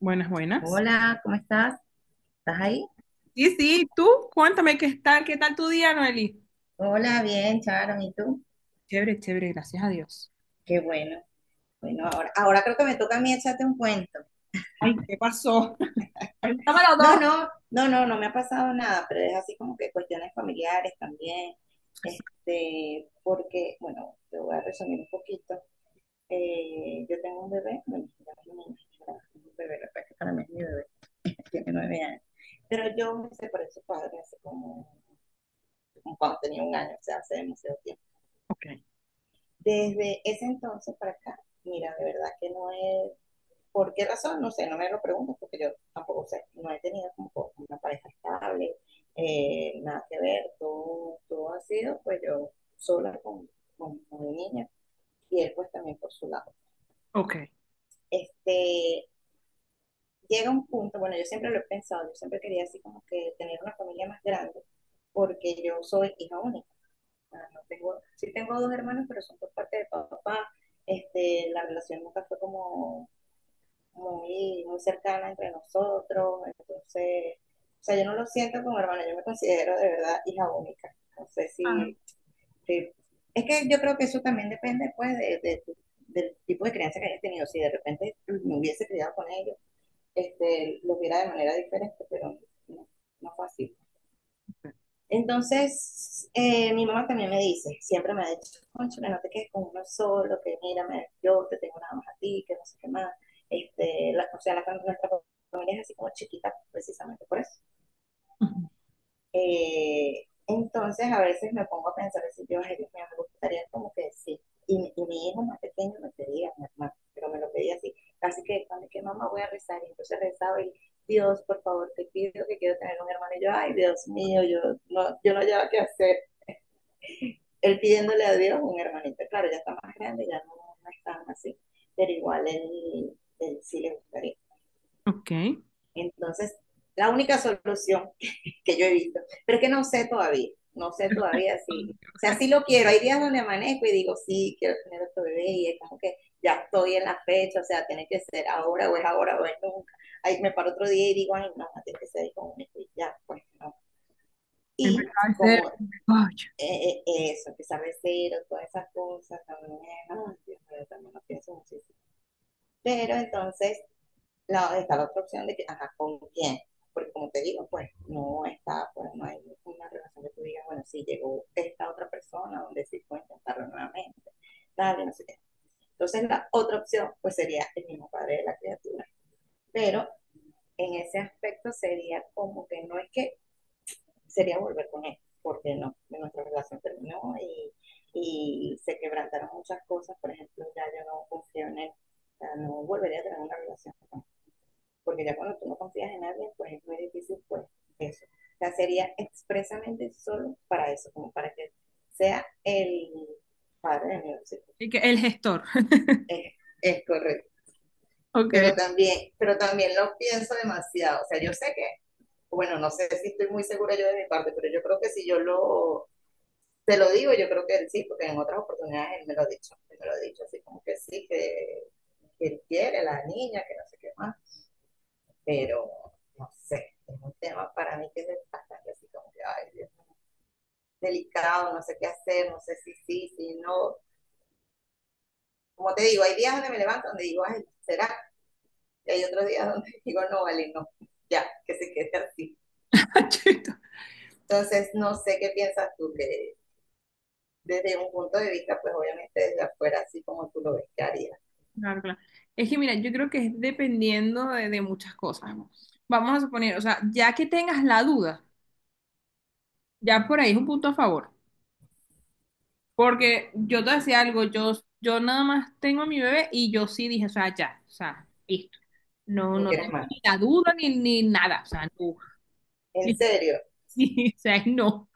Buenas, buenas. Hola, ¿cómo estás? ¿Estás ahí? Sí, sí, tú, cuéntame qué tal tu día, Noeli. Hola, bien, Charon, ¿y tú? Chévere, chévere, gracias a Dios. Qué bueno. Bueno, ahora creo que me toca a mí echarte un cuento. Ay, ¿qué pasó? Cuenta para No, dos. no, no, no, no me ha pasado nada, pero es así como que cuestiones familiares también, este, porque, bueno, te voy a resumir un poquito. Yo tengo un bebé, bueno, ya no es un niño, ya no es un bebé, la verdad que para mí es mi bebé, tiene 9 años, pero yo me separé de su padre hace como, cuando tenía un año, o sea, hace demasiado tiempo. Ok, Desde ese entonces para acá, mira, de verdad que no es, ¿por qué razón? No sé, no me lo pregunto porque yo tampoco sé, no he tenido como una pareja estable, nada que ver, todo ha sido pues yo sola con mi niña y él pues también por su lado. ok. Este, llega un punto, bueno, yo siempre lo he pensado, yo siempre quería así como que tener una familia más grande, porque yo soy hija única. Ah, no tengo, sí tengo dos hermanos, pero son por parte de papá. Este, la relación nunca fue como muy, muy cercana entre nosotros. Entonces, o sea, yo no lo siento como hermana, yo me considero de verdad hija única. No sé Ah, si, si- es que yo creo que eso también depende pues del tipo de crianza que hayas tenido. Si de repente me hubiese criado con ellos, este, lo viera de manera diferente, pero no, no fue así. Entonces, mi mamá también me dice, siempre me ha dicho, cónchale, no te quedes con uno solo, que mírame, yo te tengo nada más a ti, que no sé qué más. Este, o sea, nuestra familia es así como chiquita, precisamente por eso. ujú. Entonces, a veces me pongo a pensar, si yo, ay, Dios mío, me gustaría como que sí. Y mi hijo más pequeño me pedía, mi hermano, pero me lo pedía así. Así que, ¿cuando es que mamá voy a rezar? Y entonces rezaba y, Dios, por favor, te pido que quiero tener un hermano. Y yo, ay, Dios mío, yo no llevo qué hacer él pidiéndole a Dios un hermanito. Claro, ya está más grande, ya no es así, pero igual él, sí le gustaría. Ok. Entonces, la única solución que yo he visto, pero es que no sé todavía si, o sea, sí lo quiero. Hay días donde amanezco y digo, sí, quiero tener otro bebé y es como que ya estoy en la fecha, o sea, tiene que ser ahora o es nunca. Ahí me paro otro día y digo, ay, no, tiene que ser con un ya, pues no. Y Empezar a ser. como Ay, eso, que sea mesero, todas esas cosas, también, ay, Dios mío, también lo pienso muchísimo. Pero entonces, está la otra opción de que, ajá, ¿con quién? Porque como te digo, pues no está, pues no hay una relación que tú digas, bueno, sí, llegó esta otra persona donde sí puedo intentarlo nuevamente, tal, y no sé qué. Entonces, la otra opción, pues sería el mismo padre de la criatura. Pero en ese aspecto sería como que no es que sería volver con él, porque no, nuestra relación terminó y se quebrantaron muchas cosas. Por ejemplo, ya yo no confío en él, o sea, no volvería a tener una relación con él, porque ya cuando tú no confías en alguien, pues es muy difícil, pues eso. O sea, sería expresamente solo para eso, como para que sea el padre de mi hijos. y que el gestor. Es, es correcto. Ok. Pero también lo pienso demasiado. O sea, yo sé que, bueno, no sé si estoy muy segura yo de mi parte, pero yo creo que si yo lo te lo digo, yo creo que él sí, porque en otras oportunidades él me lo ha dicho, él me lo ha dicho así como que sí, que él quiere a la niña, que no sé qué más, pero no sé, es un tema para mí que es bastante así como que, ay, Dios, delicado, no sé qué hacer, no sé si sí, si no. Como te digo, hay días donde me levanto donde digo, ay, será, y hay otros días donde digo, no, vale, no, ya, que se quede así. Chito. Entonces, no sé qué piensas tú, que desde un punto de vista, pues obviamente desde afuera, así como tú lo ves, ¿qué harías? Claro, claro. Es que mira, yo creo que es dependiendo de muchas cosas. Vamos a suponer, o sea, ya que tengas la duda, ya por ahí es un punto a favor. Porque yo te decía algo, yo nada más tengo a mi bebé y yo sí dije, o sea, ya, o sea, listo. No, No no quieres tengo más. ni la duda ni nada, o sea, no. En serio, Sí, o sea, no.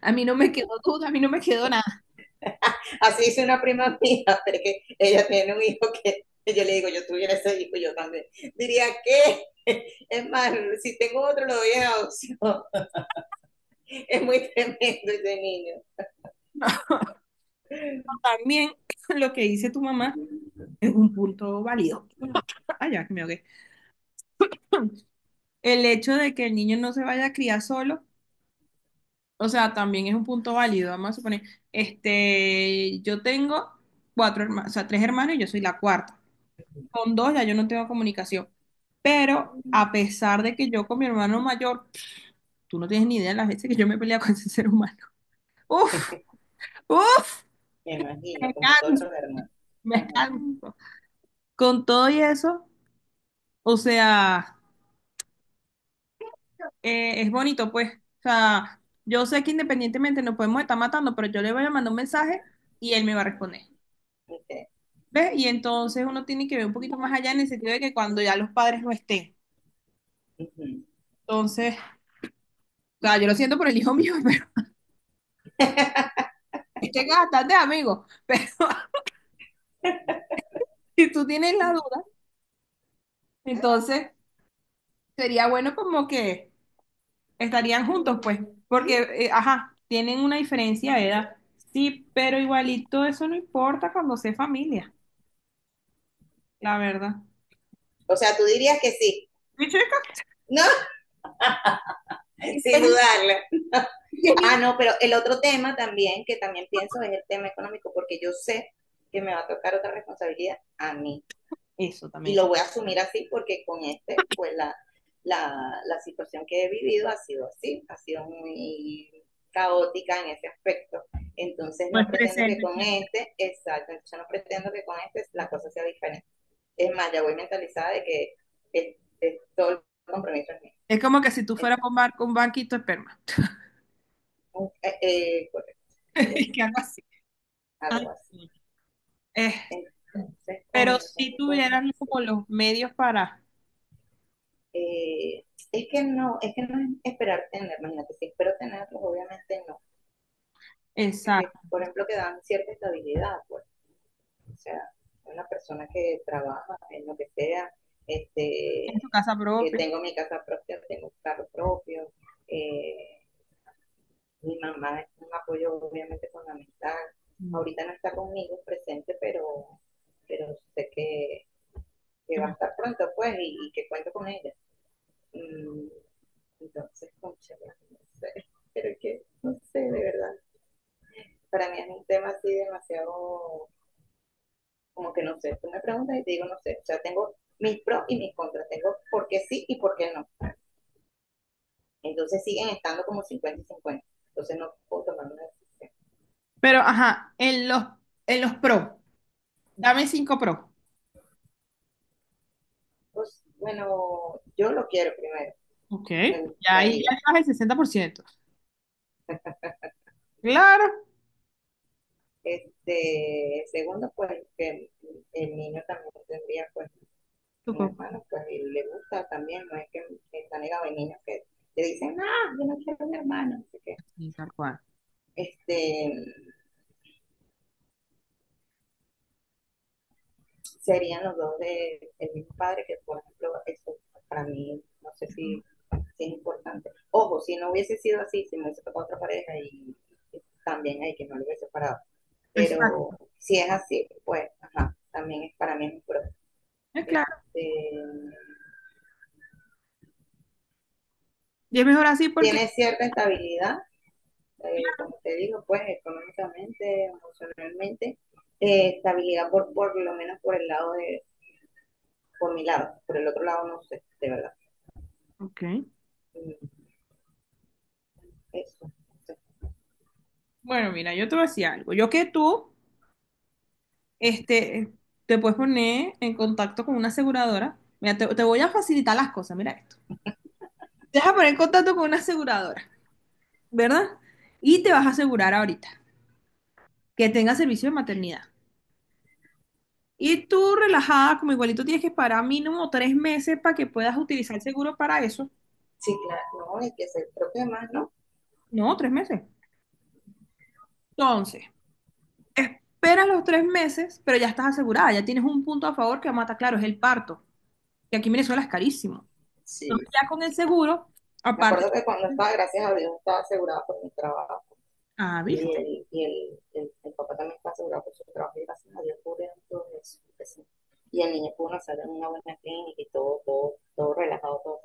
A mí no me quedó duda, a mí no me quedó nada. así hizo una prima mía, porque ella tiene un hijo que yo le digo, yo tuviera ese hijo, yo también. Diría que, es más, si tengo otro, lo doy en adopción. Es muy tremendo ese niño. También lo que dice tu mamá es un punto válido. Ay, ya, que me ahogué. El hecho de que el niño no se vaya a criar solo, o sea, también es un punto válido. Vamos a suponer, este, yo tengo cuatro hermanos, o sea, tres hermanos y yo soy la cuarta. Con dos ya yo no tengo comunicación. Pero a pesar de que yo con mi hermano mayor, tú no tienes ni idea de las veces que yo me he peleado con ese ser humano. Uf, uf, Me me imagino, como todos canso, los hermanos. me Ajá, canso. Con todo y eso, o sea, es bonito, pues. O sea, yo sé que independientemente nos podemos estar matando, pero yo le voy a mandar un mensaje y él me va a responder. okay. ¿Ves? Y entonces uno tiene que ver un poquito más allá en el sentido de que cuando ya los padres no estén. Ujú. Entonces, o sea, yo lo siento por el hijo mío, pero este es bastante amigo. Pero si tú tienes la duda, entonces sería bueno como que estarían juntos, pues, porque, ajá, tienen una diferencia de edad. Sí, pero igualito eso no importa cuando sea familia, la verdad. O sea, tú dirías que sí. Mi chica, No, sin el- dudarlo. el Ah, niño- no, pero el otro tema también, que también pienso, es el tema económico, porque yo sé que me va a tocar otra responsabilidad a mí. eso Y también es. lo voy a asumir así porque con este, pues la situación que he vivido ha sido así, ha sido muy caótica en ese aspecto. Entonces No no es pretendo que presente. con este, exacto, yo no pretendo que con este la cosa sea diferente. Es más, ya voy mentalizada de que es todo el compromiso es mío. Es como que si tú Es fueras con bar con banquito de esperma. Correcto, algo Y así, que algo así. algo Ay, así. sí. Eh, Entonces, pero coño, son si cosas tuvieran así. como los medios para, Eh, es que no es esperar tener, imagínate, si espero tenerlos, obviamente no que, exacto, por ejemplo, que dan cierta estabilidad, pues, o sea, una persona que trabaja en lo que sea, este, en su casa que propia. tengo mi casa propia, tengo un carro propio, eh, mi mamá es un apoyo obviamente fundamental, Mm. ahorita no está conmigo presente, pero sé que va a estar pronto, pues, y que cuento con ella. Mm, Entonces, concha, no sé, pero que, no sé, de verdad, para mí es un tema así demasiado como que no sé, tú me preguntas y te digo no sé, o sea, tengo mis pros y mis contras, tengo por qué sí y por qué no. Entonces siguen estando como 50 y 50 entonces no puedo tomar una decisión. Pero, ajá, en los pro, dame 5 pro. Pues bueno, yo lo quiero primero, Ok. me Ya ahí gustaría. ya estás el 60%. Claro, Este, segundo, pues que el niño también tendría pues tu un compu- hermano, pues y le gusta también, no es que está negado, hay niños que le dicen, ah, yo no quiero un hermano, así que, sí, tal cual. este, serían los dos del de mismo padre, que por ejemplo, eso para mí, no sé si es importante. Ojo, si no hubiese sido así, si me hubiese tocado otra pareja y también hay que no lo hubiese separado. Exacto, Pero si es así, pues, ajá, también es para mí un pro. es claro. Este, Y es mejor así porque, tiene cierta estabilidad, como te digo, pues económicamente, emocionalmente, estabilidad por lo menos por el lado de, por mi lado, por el otro lado no sé, de verdad. ok, Mm, eso. bueno, mira, yo te voy a decir algo. Yo que tú, este, te puedes poner en contacto con una aseguradora. Mira, te voy a facilitar las cosas, mira esto. Te vas a poner en contacto con una aseguradora, ¿verdad? Y te vas a asegurar ahorita que tenga servicio de maternidad. Y tú relajada, como igualito tienes que esperar mínimo 3 meses para que puedas utilizar el seguro para eso. Sí, claro, no, y que se, creo que más, ¿no? No, 3 meses. Entonces, esperas los 3 meses, pero ya estás asegurada, ya tienes un punto a favor que mata, claro, es el parto, que aquí en Venezuela es carísimo. Sí, Entonces, ya sí, con el sí. seguro, Me aparte, acuerdo que cuando estaba, gracias a Dios, estaba asegurada por mi trabajo. ah, ¿viste? Y el papá también está asegurado por su trabajo. Y gracias a Dios cubrieron todo eso, que sí. Y el niño pudo nacer en una buena clínica y todo, todo, todo relajado, todo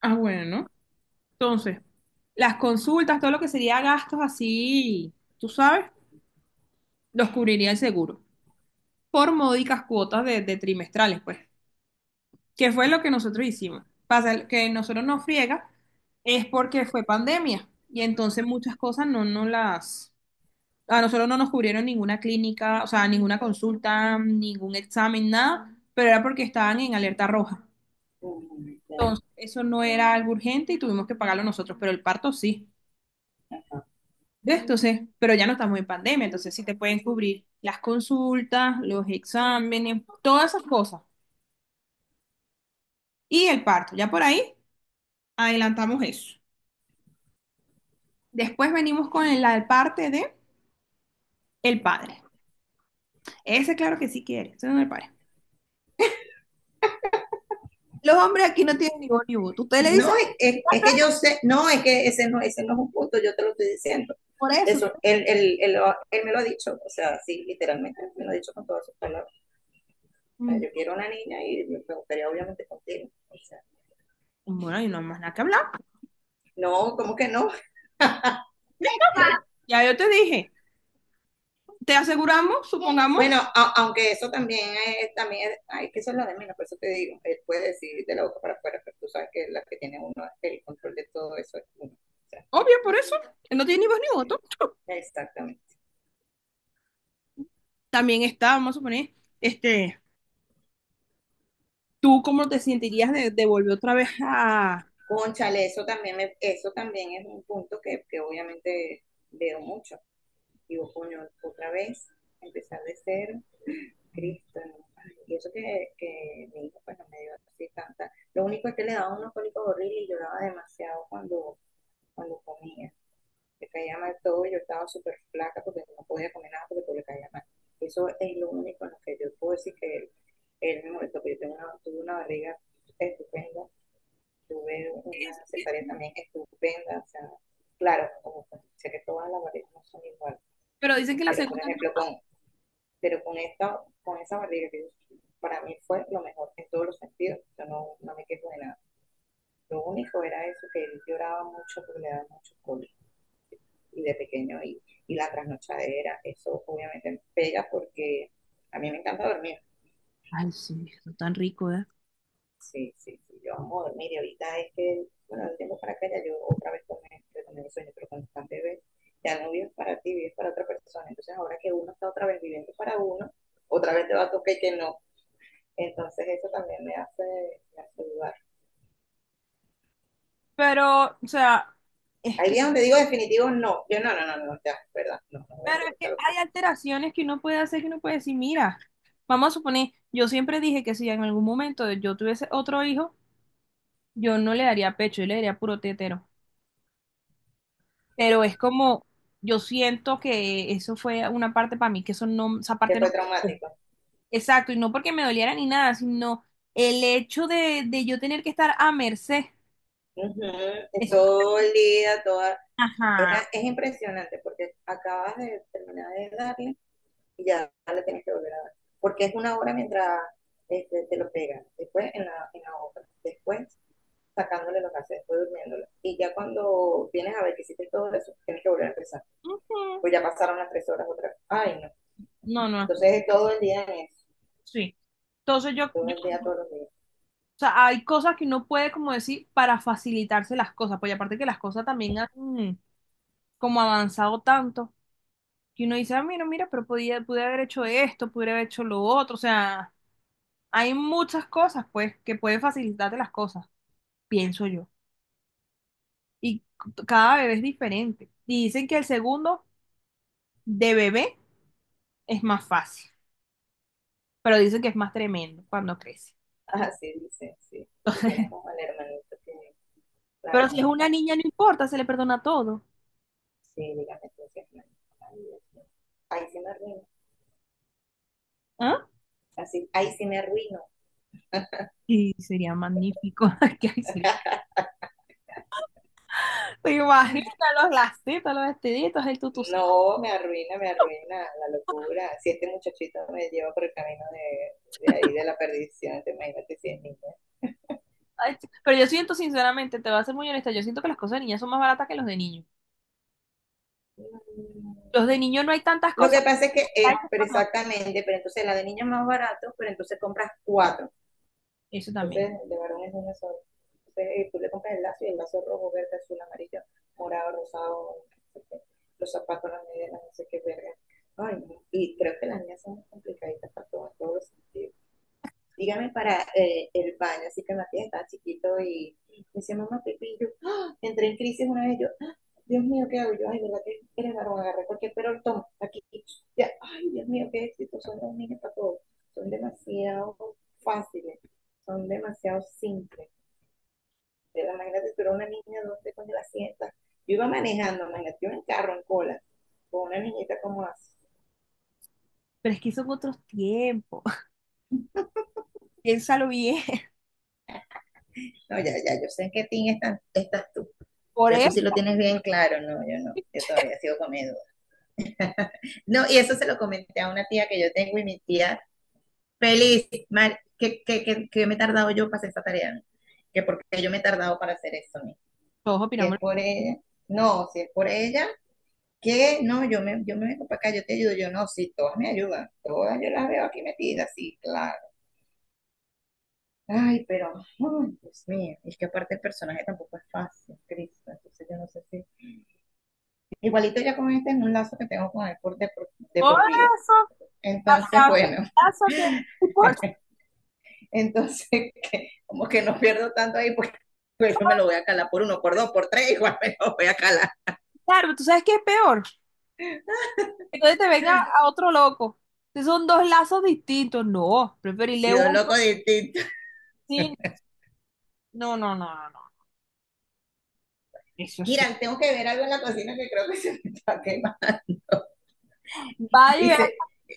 Ah, bueno. Entonces, las consultas, todo lo que sería gastos así, tú sabes, los cubriría el seguro. Por módicas cuotas de, trimestrales, pues. ¿Qué fue lo que nosotros hicimos? Pasa que nosotros nos friega es porque fue pandemia y entonces muchas cosas no nos las... A nosotros no nos cubrieron ninguna clínica, o sea, ninguna consulta, ningún examen, nada, pero era porque estaban en alerta roja. tranquilo. Claro. Entonces, eso no era algo urgente y tuvimos que pagarlo nosotros, pero el parto sí. ¿Ves? Entonces, pero ya no estamos en pandemia, entonces sí te pueden cubrir las consultas, los exámenes, todas esas cosas. Y el parto, ya por ahí adelantamos eso. Después venimos con la parte de el padre. Ese claro que sí quiere, ese no es el padre. Los hombres aquí no tienen ni voz ni voto. Usted le dice No, es que yo sé, no, es que ese no es un punto, yo te lo estoy diciendo. por eso. Eso, él me lo ha dicho, o sea, sí, literalmente, me lo ha dicho con todas sus palabras. Mm. Yo quiero una niña y me gustaría obviamente contigo. O sea, Bueno, y no hay más nada que hablar. no, ¿cómo que no? Ya yo te dije, te aseguramos, supongamos, Bueno, aunque eso también es, ay, que eso es lo de menos, por eso te digo, él puede decir de la boca para afuera, pero tú sabes que la que tiene uno, el control de todo eso es uno. O sea, obvio por eso, que no tiene ni voz ni sí, voto. exactamente. También está, vamos a suponer, este, ¿tú cómo te sentirías de, volver otra vez a... Cónchale, eso también, eso también es un punto que obviamente veo mucho. Digo, coño, otra vez, empezar de cero, Cristo. ¿No? Ay, y eso que mi hijo pues no me dio así tanta. Lo único es que le daba unos cólicos horribles y lloraba demasiado cuando comía. Le caía mal todo y yo estaba súper flaca porque no podía comer nada porque todo le caía mal. Eso es lo único en lo que yo puedo decir que él me molestó, porque yo tengo tuve una barriga estupenda, tuve una cesárea también estupenda. O sea, claro, como sé que todas las barrigas no son iguales, Pero dicen que la pero por segunda... ejemplo, pero con esta, con esa barriga que yo sentí, para mí fue lo mejor en todos los sentidos. Yo no me quejo de nada. Lo único era eso, que él lloraba mucho porque le daba mucho cólico y de pequeño y la trasnochadera. Eso obviamente me pega porque a mí me encanta dormir. Ay, sí, no tan rico, ¿eh? Sí, sí, sí, yo amo dormir. Y ahorita es que, bueno, el tiempo para acá ya yo otra vez retomé el sueño, pero cuando estás bebé, ya no vives para ti, vives para otra persona. Entonces ahora que uno está otra vez viviendo para uno, otra vez te va a tocar que no. Entonces eso también me hace dudar. Pero, o sea, es Hay que días donde digo definitivos no. Yo no, ya, es verdad, no voy a pero hacer es esta que hay locura. alteraciones que uno puede hacer que uno puede decir, mira, vamos a suponer, yo siempre dije que si en algún momento yo tuviese otro hijo, yo no le daría pecho, yo le daría puro tetero. Pero es como, yo siento que eso fue una parte para mí, que eso no, esa Que parte no fue me gustó. traumático. Exacto, y no porque me doliera ni nada, sino el hecho de yo tener que estar a merced. Ujú, es Eso, todo el día, toda... ajá. es impresionante porque acabas de terminar de darle y ya le tienes que volver a dar. Porque es una hora mientras te lo pegan, después en la otra, después sacándole los gases, después durmiéndolo. Y ya cuando vienes a ver que hiciste todo eso, tienes que volver a empezar. Pues ya pasaron las tres horas otra vez. Ay, no. No, no, Entonces es todo el día en eso, sí. Entonces yo, todo yo el día, todos los días. o sea, hay cosas que uno puede, como decir, para facilitarse las cosas, pues y aparte que las cosas también han como avanzado tanto, que uno dice, ah, mira, mira, pero podía, pude haber hecho esto, pude haber hecho lo otro, o sea, hay muchas cosas, pues, que pueden facilitarte las cosas, pienso yo. Y cada bebé es diferente. Y dicen que el segundo de bebé es más fácil, pero dicen que es más tremendo cuando crece. Así dice, sí, porque tienen como el hermanito que, claro, Pero si es como una estamos. niña, no importa, se le perdona todo. Sí, dígame tú, sí, hermano. Ay, Dios mío. Ahí sí me arruino. ¿Ah? Así, ahí sí me arruino. Sí, sería magnífico. Que así te imaginas los lacitos, los vestiditos, el tutucito. No, me arruina la locura. Si este muchachito me lleva por el camino de ahí, de la perdición, te imagínate si es niña. Ay, sí. Pero yo siento, sinceramente, te voy a ser muy honesta, yo siento que las cosas de niñas son más baratas que los de niños. Mm. Los de niños no hay tantas Lo cosas. que pasa es que Ay, es, pero cuando... exactamente, pero entonces la de niño es más barato, pero entonces compras cuatro. eso también. Entonces, de varón es una sola. Entonces, tú le compras el lazo, y el lazo rojo, verde, azul, amarillo, morado, rosado, no sé qué, los zapatos, las medias, no sé qué verga. Ay, no. Y creo que las niñas son complicadas para todo, en todos los sentidos. Dígame para el baño. Así que Matías estaba chiquito y me decía, mamá, Pepe, y yo ¡ah! Entré en crisis una vez. Yo, ¡ah! Dios mío, ¿qué hago? Yo, ay, ¿verdad que eres varón? Agarré cualquier, pero toma, aquí, ya, ay, Dios mío, qué éxito son los niños para todo. Son demasiado fáciles, son demasiado simples. Pero imagínate, tú eres una niña, ¿dónde cuando la sientas? Yo iba manejando, imagínate, yo en carro, en cola, con una niñita como así. Pero es que son otros tiempos. Piénsalo bien. No, ya, ya, yo sé en qué team están- estás tú. Por Ya tú eso, sí lo tienes bien claro. No, yo no, yo todavía sigo comiendo. No, y eso se lo comenté a una tía que yo tengo, y mi tía, feliz, mal, que me he tardado yo para hacer esa tarea, ¿no? Que porque yo me he tardado para hacer eso, ¿no? todos Si es opinamos. por ella, no, si es por ella, que no, yo me vengo para acá, yo te ayudo, yo no, sí, todas me ayudan, todas yo las veo aquí metidas, sí, claro. Ay, pero, ay, Dios mío, es que aparte el personaje tampoco es fácil, Cristo, entonces yo no sé si. Igualito ya con este es un lazo que tengo con el por de Por por vida. eso, Entonces, hacia otro bueno, caso y por- entonces que- como que no pierdo tanto ahí, porque pues, yo me lo voy a calar por uno, por dos, por tres, igual me lo voy a calar. claro, ¿tú sabes qué es peor? Entonces te venga a otro loco. Entonces son dos lazos distintos. No, Y preferirle dos uno locos distintos. sin. No, no, no, no, no. Eso es. Mira, tengo que ver algo en la cocina que creo que se me está quemando. Y, Vaya. se-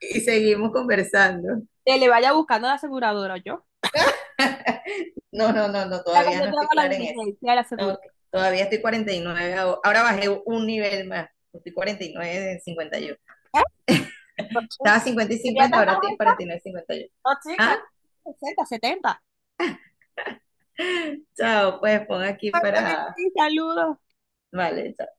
y seguimos conversando. Que le vaya buscando a la aseguradora, yo. No, no, no, no, Ya que todavía yo no te estoy hago la clara en eso. diligencia de la No, aseguradora. todavía estoy 49, ahora bajé un nivel más. Estoy 49 de 51. ¿Eh? Por Estaba supuesto. 50 y ¿Sería 50, tan más ahora tiene alta? 49 y 51. No, chica, Ah, 60, 70. chao, pues pon aquí para... Sí, saludos. Vale, chao.